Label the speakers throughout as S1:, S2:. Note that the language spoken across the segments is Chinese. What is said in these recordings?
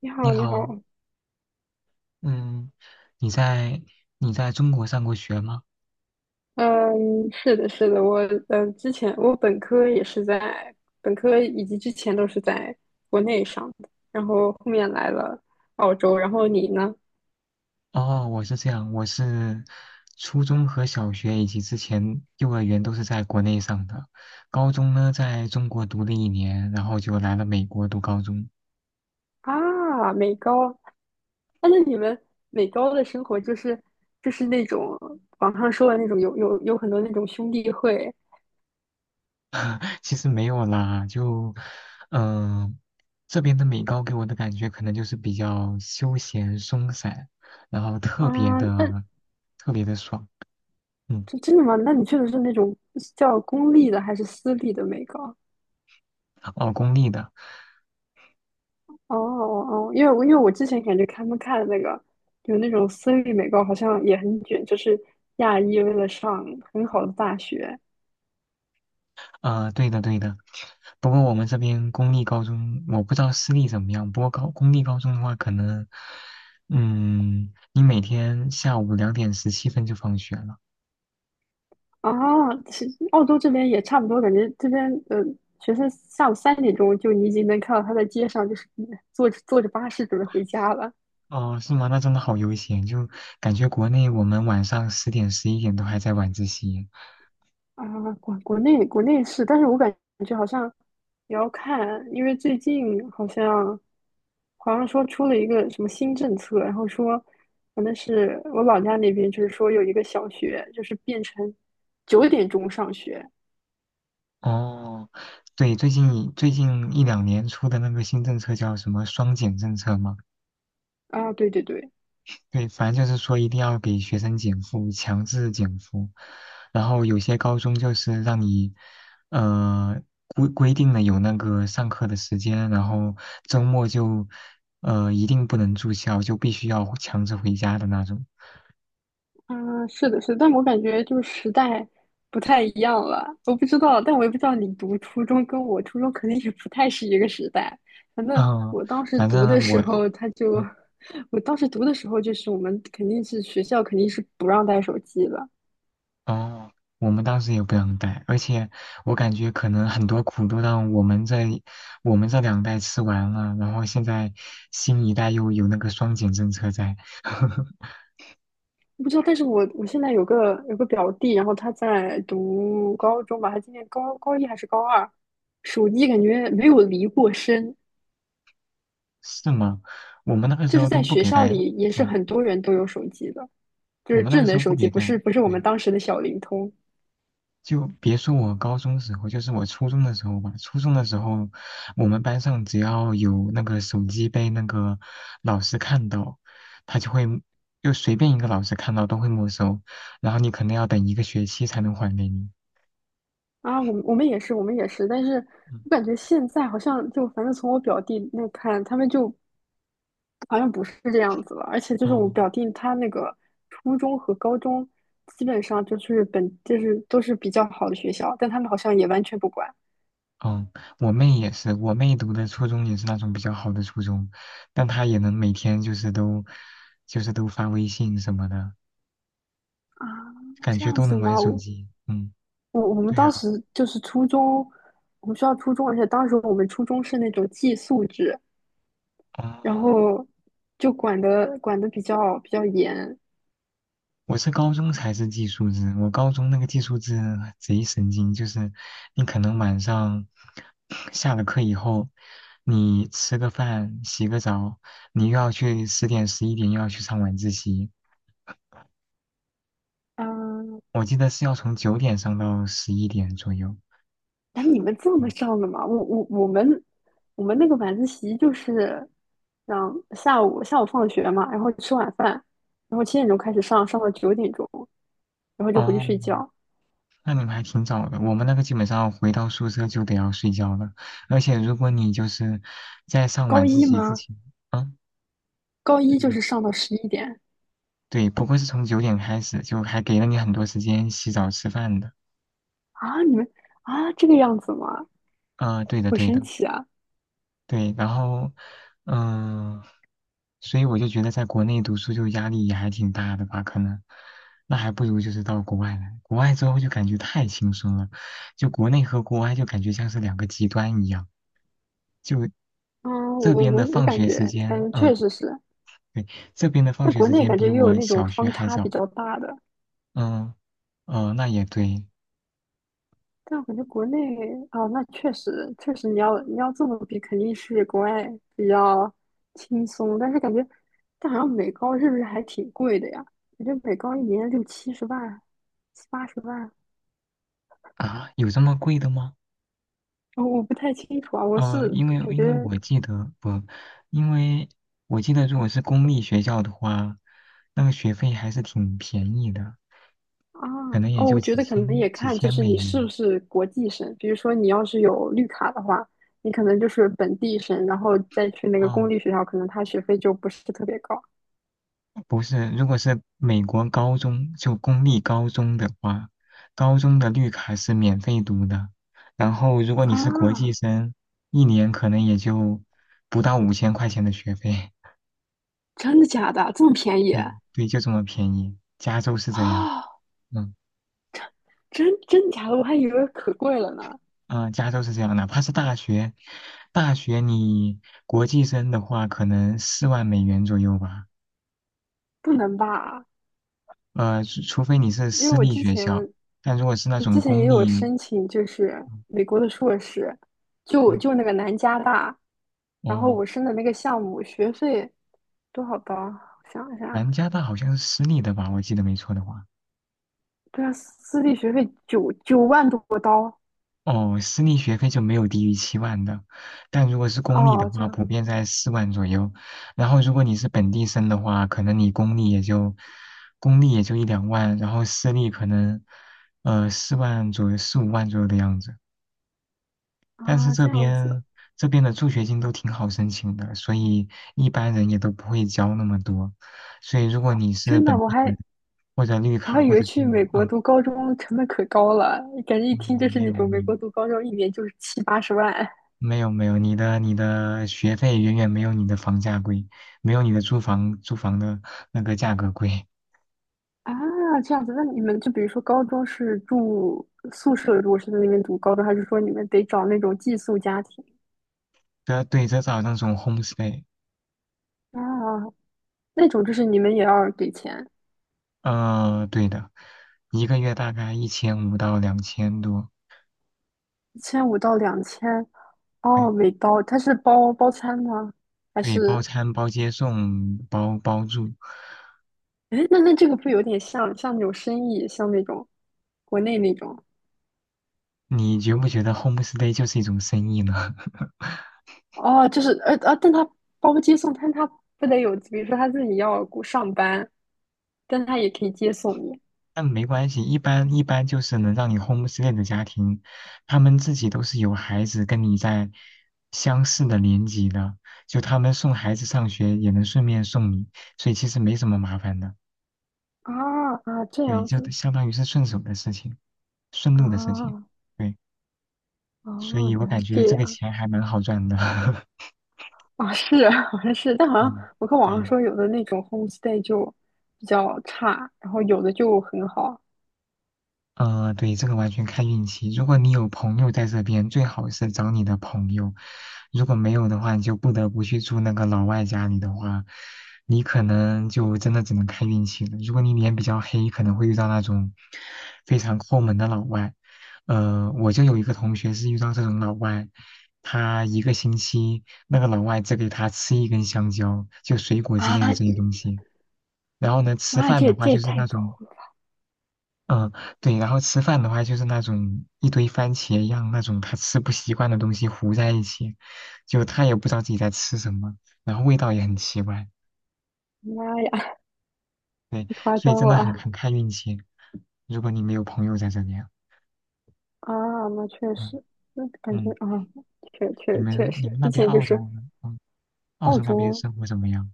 S1: 你
S2: 你
S1: 好，你好。
S2: 好，嗯，你在你在中国上过学吗？
S1: 嗯，是的，是的，之前我本科也是在本科以及之前都是在国内上的，然后后面来了澳洲，然后你呢？
S2: 哦，我是这样，我是初中和小学以及之前幼儿园都是在国内上的，高中呢在中国读了一年，然后就来了美国读高中。
S1: 啊，美高，啊，那你们美高的生活就是那种网上说的那种有很多那种兄弟会。
S2: 其实没有啦，就嗯、呃这边的美高给我的感觉可能就是比较休闲松散，然后特别
S1: 啊，那
S2: 的特别的爽。嗯，
S1: 这真的吗？那你去的是那种叫公立的还是私立的美高？
S2: 哦，公立的。
S1: 哦哦，哦因为我之前感觉他们看的那个有那种私立美高，好像也很卷，就是亚裔为了上很好的大学。
S2: 啊，对的，对的。不过我们这边公立高中，我不知道私立怎么样。不过公立高中的话，可能，你每天下午2:17就放学了。
S1: 啊，其实澳洲这边也差不多，感觉这边学生下午3点钟就你已经能看到他在街上就是坐着坐着巴士准备回家了。
S2: 哦，是吗？那真的好悠闲，就感觉国内我们晚上十点、十一点都还在晚自习。
S1: 啊，国内是，但是我感觉好像也要看，因为最近好像说出了一个什么新政策，然后说，反正是我老家那边，就是说有一个小学，就是变成九点钟上学。
S2: 哦，对，最近一两年出的那个新政策叫什么"双减"政策吗？
S1: 啊，对对对。
S2: 对，反正就是说一定要给学生减负，强制减负。然后有些高中就是让你，呃，规定了有那个上课的时间，然后周末就，呃，一定不能住校，就必须要强制回家的那种。
S1: 嗯，是的，是的，但我感觉就是时代不太一样了，我不知道，但我也不知道你读初中跟我初中肯定也不太是一个时代。反正
S2: 嗯，
S1: 我当时
S2: 反
S1: 读的
S2: 正我，
S1: 时候，他就，
S2: 嗯，
S1: 我当时读的时候，就是我们肯定是学校肯定是不让带手机了。
S2: 哦，我们当时也不让带，而且我感觉可能很多苦都让我们这两代吃完了，然后现在新一代又有那个双减政策在。
S1: 我不知道，但是我现在有个表弟，然后他在读高中吧，他今年高一还是高二，手机感觉没有离过身，
S2: 是吗？我们那个时
S1: 就是
S2: 候都
S1: 在
S2: 不
S1: 学
S2: 给
S1: 校
S2: 带，
S1: 里也是
S2: 嗯，
S1: 很多人都有手机的，就
S2: 我
S1: 是
S2: 们那
S1: 智
S2: 个时
S1: 能
S2: 候不
S1: 手机，
S2: 给
S1: 不
S2: 带，
S1: 是不是我们
S2: 对，
S1: 当时的小灵通。
S2: 就别说我高中时候，就是我初中的时候吧。初中的时候，我们班上只要有那个手机被那个老师看到，他就会就随便一个老师看到都会没收，然后你可能要等一个学期才能还给你。
S1: 啊，我们也是，但是
S2: 嗯，
S1: 我感觉现在好像就反正从我表弟那看，他们就好像不是这样子了，而且就是我
S2: 哦，
S1: 表弟他那个初中和高中，基本上就是本就是都是比较好的学校，但他们好像也完全不管。
S2: 嗯，我妹也是，我妹读的初中也是那种比较好的初中，但她也能每天就是都发微信什么的。
S1: 啊，
S2: 感
S1: 这
S2: 觉
S1: 样
S2: 都
S1: 子
S2: 能玩
S1: 吗？
S2: 手
S1: 我
S2: 机。嗯，
S1: 我我们
S2: 对
S1: 当
S2: 呀、
S1: 时就是初中，我们学校初中，而且当时我们初中是那种寄宿制，然
S2: 哦，
S1: 后就管的比较严。
S2: 我是高中才是寄宿制，我高中那个寄宿制贼神经，就是你可能晚上下了课以后，你吃个饭、洗个澡，你又要去十点、十一点又要去上晚自习，
S1: 嗯、
S2: 我记得是要从9点上到11点左右。
S1: 哎，你们这么
S2: 嗯
S1: 上的吗？我们那个晚自习就是让下午放学嘛，然后吃晚饭，然后7点钟开始上，上到九点钟，然后就回去
S2: 哦，
S1: 睡觉。
S2: 那你们还挺早的。我们那个基本上回到宿舍就得要睡觉了，而且如果你就是在上
S1: 高
S2: 晚自
S1: 一
S2: 习之
S1: 吗？
S2: 前，嗯。
S1: 高一
S2: 对
S1: 就
S2: 的，
S1: 是上到11点。
S2: 对，不过是从九点开始，就还给了你很多时间洗澡吃饭的。
S1: 啊？你们啊这个样子吗？
S2: 啊、对的，
S1: 好
S2: 对
S1: 神
S2: 的，
S1: 奇啊！
S2: 对。然后，嗯、所以我就觉得在国内读书就压力也还挺大的吧，可能，那还不如就是到国外来。国外之后就感觉太轻松了，就国内和国外就感觉像是两个极端一样。就
S1: 嗯，
S2: 这
S1: 我
S2: 边
S1: 我
S2: 的
S1: 我
S2: 放
S1: 感
S2: 学时
S1: 觉感
S2: 间，
S1: 觉
S2: 嗯、
S1: 确实是，
S2: 对，这边的放
S1: 在
S2: 学
S1: 国
S2: 时
S1: 内
S2: 间
S1: 感觉
S2: 比
S1: 也有
S2: 我
S1: 那种
S2: 小学
S1: 方
S2: 还
S1: 差比
S2: 早。
S1: 较大的，
S2: 嗯、那也对
S1: 但我感觉国内。啊，那确实确实，你要这么比，肯定是国外比较轻松。但是感觉，但好像美高是不是还挺贵的呀？我觉得美高一年六七十万、七八十万。
S2: 啊，有这么贵的吗？
S1: 哦，我不太清楚啊。我
S2: 呃，
S1: 是
S2: 因为
S1: 感
S2: 因为
S1: 觉
S2: 我记得不，因为我记得如果是公立学校的话，那个学费还是挺便宜的，
S1: 啊。
S2: 可能也
S1: 哦，
S2: 就
S1: 我觉
S2: 几
S1: 得可能也
S2: 千几
S1: 看就
S2: 千
S1: 是
S2: 美
S1: 你是
S2: 元。
S1: 不是国际生。比如说你要是有绿卡的话，你可能就是本地生，然后再去那个公
S2: 哦，
S1: 立学校，可能他学费就不是特别高。
S2: 不是，如果是美国高中，就公立高中的话，高中的绿卡是免费读的，然后如果你是国际
S1: 啊。
S2: 生，一年可能也就不到5000块钱的学费。
S1: 真的假的？这么便 宜？
S2: 对对，就这么便宜，加州是 这样。
S1: 啊，
S2: 嗯。
S1: 真假的？我还以为可贵了呢，
S2: 加州是这样，哪怕是大学，大学国际生的话，可能4万美元左右吧。
S1: 不能吧？
S2: 除非你是
S1: 因为
S2: 私
S1: 我
S2: 立
S1: 之
S2: 学校，
S1: 前
S2: 但如果是那
S1: 我之
S2: 种
S1: 前也
S2: 公
S1: 有
S2: 立，
S1: 申请，就是美国的硕士，就
S2: 嗯，
S1: 就那个南加大，
S2: 哦，
S1: 然后
S2: 哦
S1: 我申的那个项目学费多少刀？我想一下。
S2: 南加大好像是私立的吧，我记得没错的话。
S1: 对啊，私立学费九万多刀。
S2: 哦，私立学费就没有低于7万的，但如果是公立的
S1: 哦，这
S2: 话，
S1: 样
S2: 普遍在四万左右。然后如果你是本地生的话，可能你公立也就一两万，然后私立可能呃四万左右、四五万左右的样子。但是
S1: 啊，
S2: 这
S1: 这样子。
S2: 边这边的助学金都挺好申请的，所以一般人也都不会交那么多。所以如果你是
S1: 真的，
S2: 本
S1: 我
S2: 地人
S1: 还
S2: 或者绿
S1: 我还
S2: 卡
S1: 以
S2: 或
S1: 为
S2: 者居
S1: 去美
S2: 民，
S1: 国
S2: 啊，
S1: 读高中成本可高了，感觉一听就
S2: 嗯
S1: 是
S2: 没
S1: 那
S2: 有
S1: 种
S2: 没
S1: 美
S2: 有。
S1: 国读高中一年就是七八十万。
S2: 没有没有，你的学费远远没有你的房价贵，没有你的租房的那个价格贵。
S1: 啊，这样子。那你们就比如说高中是住宿舍，如果是在那边读高中，还是说你们得找那种寄宿家庭
S2: 这对，这是好像那种 homestay，
S1: 啊？那种就是你们也要给钱，
S2: 呃，对的，一个月大概一千五到两千多，
S1: 1500到2000。哦，
S2: 对
S1: 每包，它是包餐吗？还
S2: 对，包
S1: 是，
S2: 餐包接送包住，
S1: 哎，那这个不有点像那种生意，像那种国内那种。
S2: 你觉不觉得 homestay 就是一种生意呢？
S1: 哦，就是但他包接送，但他不得有，比如说他自己要上班，但他也可以接送你。
S2: 但没关系，一般就是能让你 homestay 的家庭，他们自己都是有孩子跟你在相似的年级的，就他们送孩子上学也能顺便送你，所以其实没什么麻烦的。
S1: 啊啊，这
S2: 对，
S1: 样
S2: 就
S1: 子。
S2: 相当于是顺手的事情，顺路的事情。
S1: 啊
S2: 对，所
S1: 哦，
S2: 以我
S1: 原来
S2: 感
S1: 是
S2: 觉
S1: 这
S2: 这个
S1: 样
S2: 钱还蛮好赚的。
S1: 啊！是啊，好像是，但好像
S2: 嗯，
S1: 我看网
S2: 对。
S1: 上说有的那种 homestay 就比较差，然后有的就很好。
S2: 呃，对，这个完全看运气。如果你有朋友在这边，最好是找你的朋友；如果没有的话，你就不得不去住那个老外家里的话，你可能就真的只能看运气了。如果你脸比较黑，可能会遇到那种非常抠门的老外。呃，我就有一个同学是遇到这种老外，他一个星期那个老外只给他吃一根香蕉，就水果之类的
S1: 啊！
S2: 这些东西。然后呢，吃
S1: 妈呀，
S2: 饭
S1: 这
S2: 的
S1: 也
S2: 话
S1: 这也
S2: 就是
S1: 太
S2: 那
S1: 高
S2: 种
S1: 了！
S2: 嗯，对，然后吃饭的话就是那种一堆番茄一样那种他吃不习惯的东西糊在一起，就他也不知道自己在吃什么，然后味道也很奇怪，
S1: 妈呀，
S2: 对，
S1: 太夸
S2: 所以
S1: 张
S2: 真的很
S1: 了。
S2: 很看运气。如果你没有朋友在这边，
S1: 啊！那确
S2: 嗯
S1: 实，那感觉
S2: 嗯，
S1: 啊，确
S2: 你
S1: 确确
S2: 们你
S1: 实，
S2: 们那
S1: 之
S2: 边
S1: 前就
S2: 澳洲
S1: 是
S2: 呢，嗯，澳
S1: 澳
S2: 洲那边
S1: 洲
S2: 生活怎么样？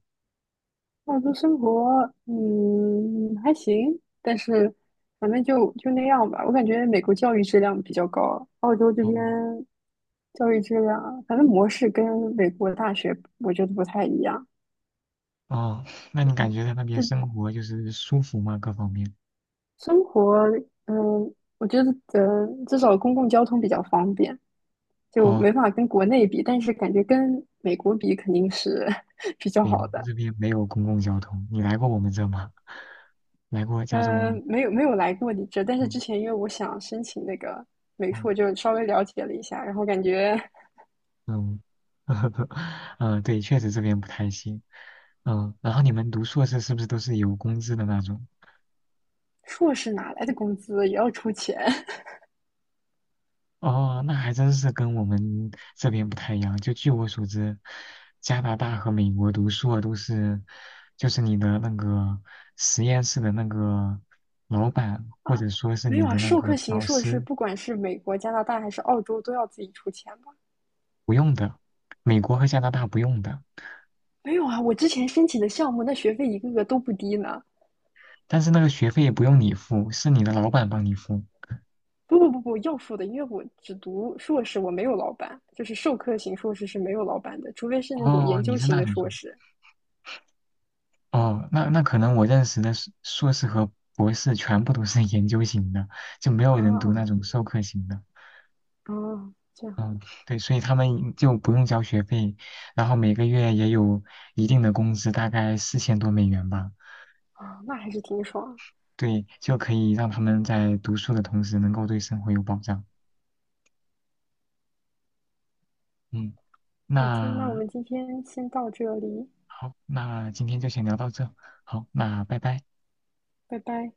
S1: 澳洲生活，还行，但是反正就那样吧。我感觉美国教育质量比较高，澳洲这
S2: 哦
S1: 边教育质量，反正模式跟美国大学我觉得不太一样。
S2: 哦，那你感
S1: 嗯，
S2: 觉在那边
S1: 这
S2: 生活就是舒服吗？各方面？
S1: 生活，嗯，我觉得至少公共交通比较方便，就
S2: 哦，
S1: 没法跟国内比，但是感觉跟美国比肯定是 比较
S2: 对，我
S1: 好
S2: 们
S1: 的。
S2: 这边没有公共交通，你来过我们这吗？来过加州吗？
S1: 嗯，没有没有来过你这，但是之
S2: 嗯。
S1: 前因为我想申请那个美
S2: 哦
S1: 术，就稍微了解了一下，然后感觉。
S2: 嗯，嗯，对，确实这边不太行。然后你们读硕士是不是都是有工资的那种？
S1: 硕士哪来的工资也要出钱。
S2: 哦，那还真是跟我们这边不太一样。就据我所知，加拿大和美国读硕都是，就是你的那个实验室的那个老板，
S1: 啊？
S2: 或者说是
S1: 没
S2: 你
S1: 有啊，
S2: 的那
S1: 授
S2: 个
S1: 课型
S2: 导
S1: 硕士
S2: 师
S1: 不管是美国、加拿大还是澳洲都要自己出钱吧？
S2: 不用的，美国和加拿大不用的，
S1: 没有啊，我之前申请的项目那学费一个个都不低呢。
S2: 但是那个学费也不用你付，是你的老板帮你付。
S1: 不不不不，要付的，因为我只读硕士，我没有老板，就是授课型硕士是没有老板的，除非是那种
S2: 哦，
S1: 研
S2: 你
S1: 究
S2: 是
S1: 型
S2: 那
S1: 的
S2: 种。
S1: 硕士。
S2: 哦，那那可能我认识的硕士和博士全部都是 研究型的，就没有
S1: 啊
S2: 人读那
S1: 啊，
S2: 种授课型的。
S1: 啊这样
S2: 嗯，对，所以他们就不用交学费，然后每个月也有一定的工资，大概4000多美元吧。
S1: 啊，那还是挺爽。
S2: 对，就可以让他们在读书的同时能够对生活有保障。嗯，
S1: 好的，那我
S2: 那
S1: 们今天先到这里，
S2: 好，那今天就先聊到这。好，那拜拜。
S1: 拜拜。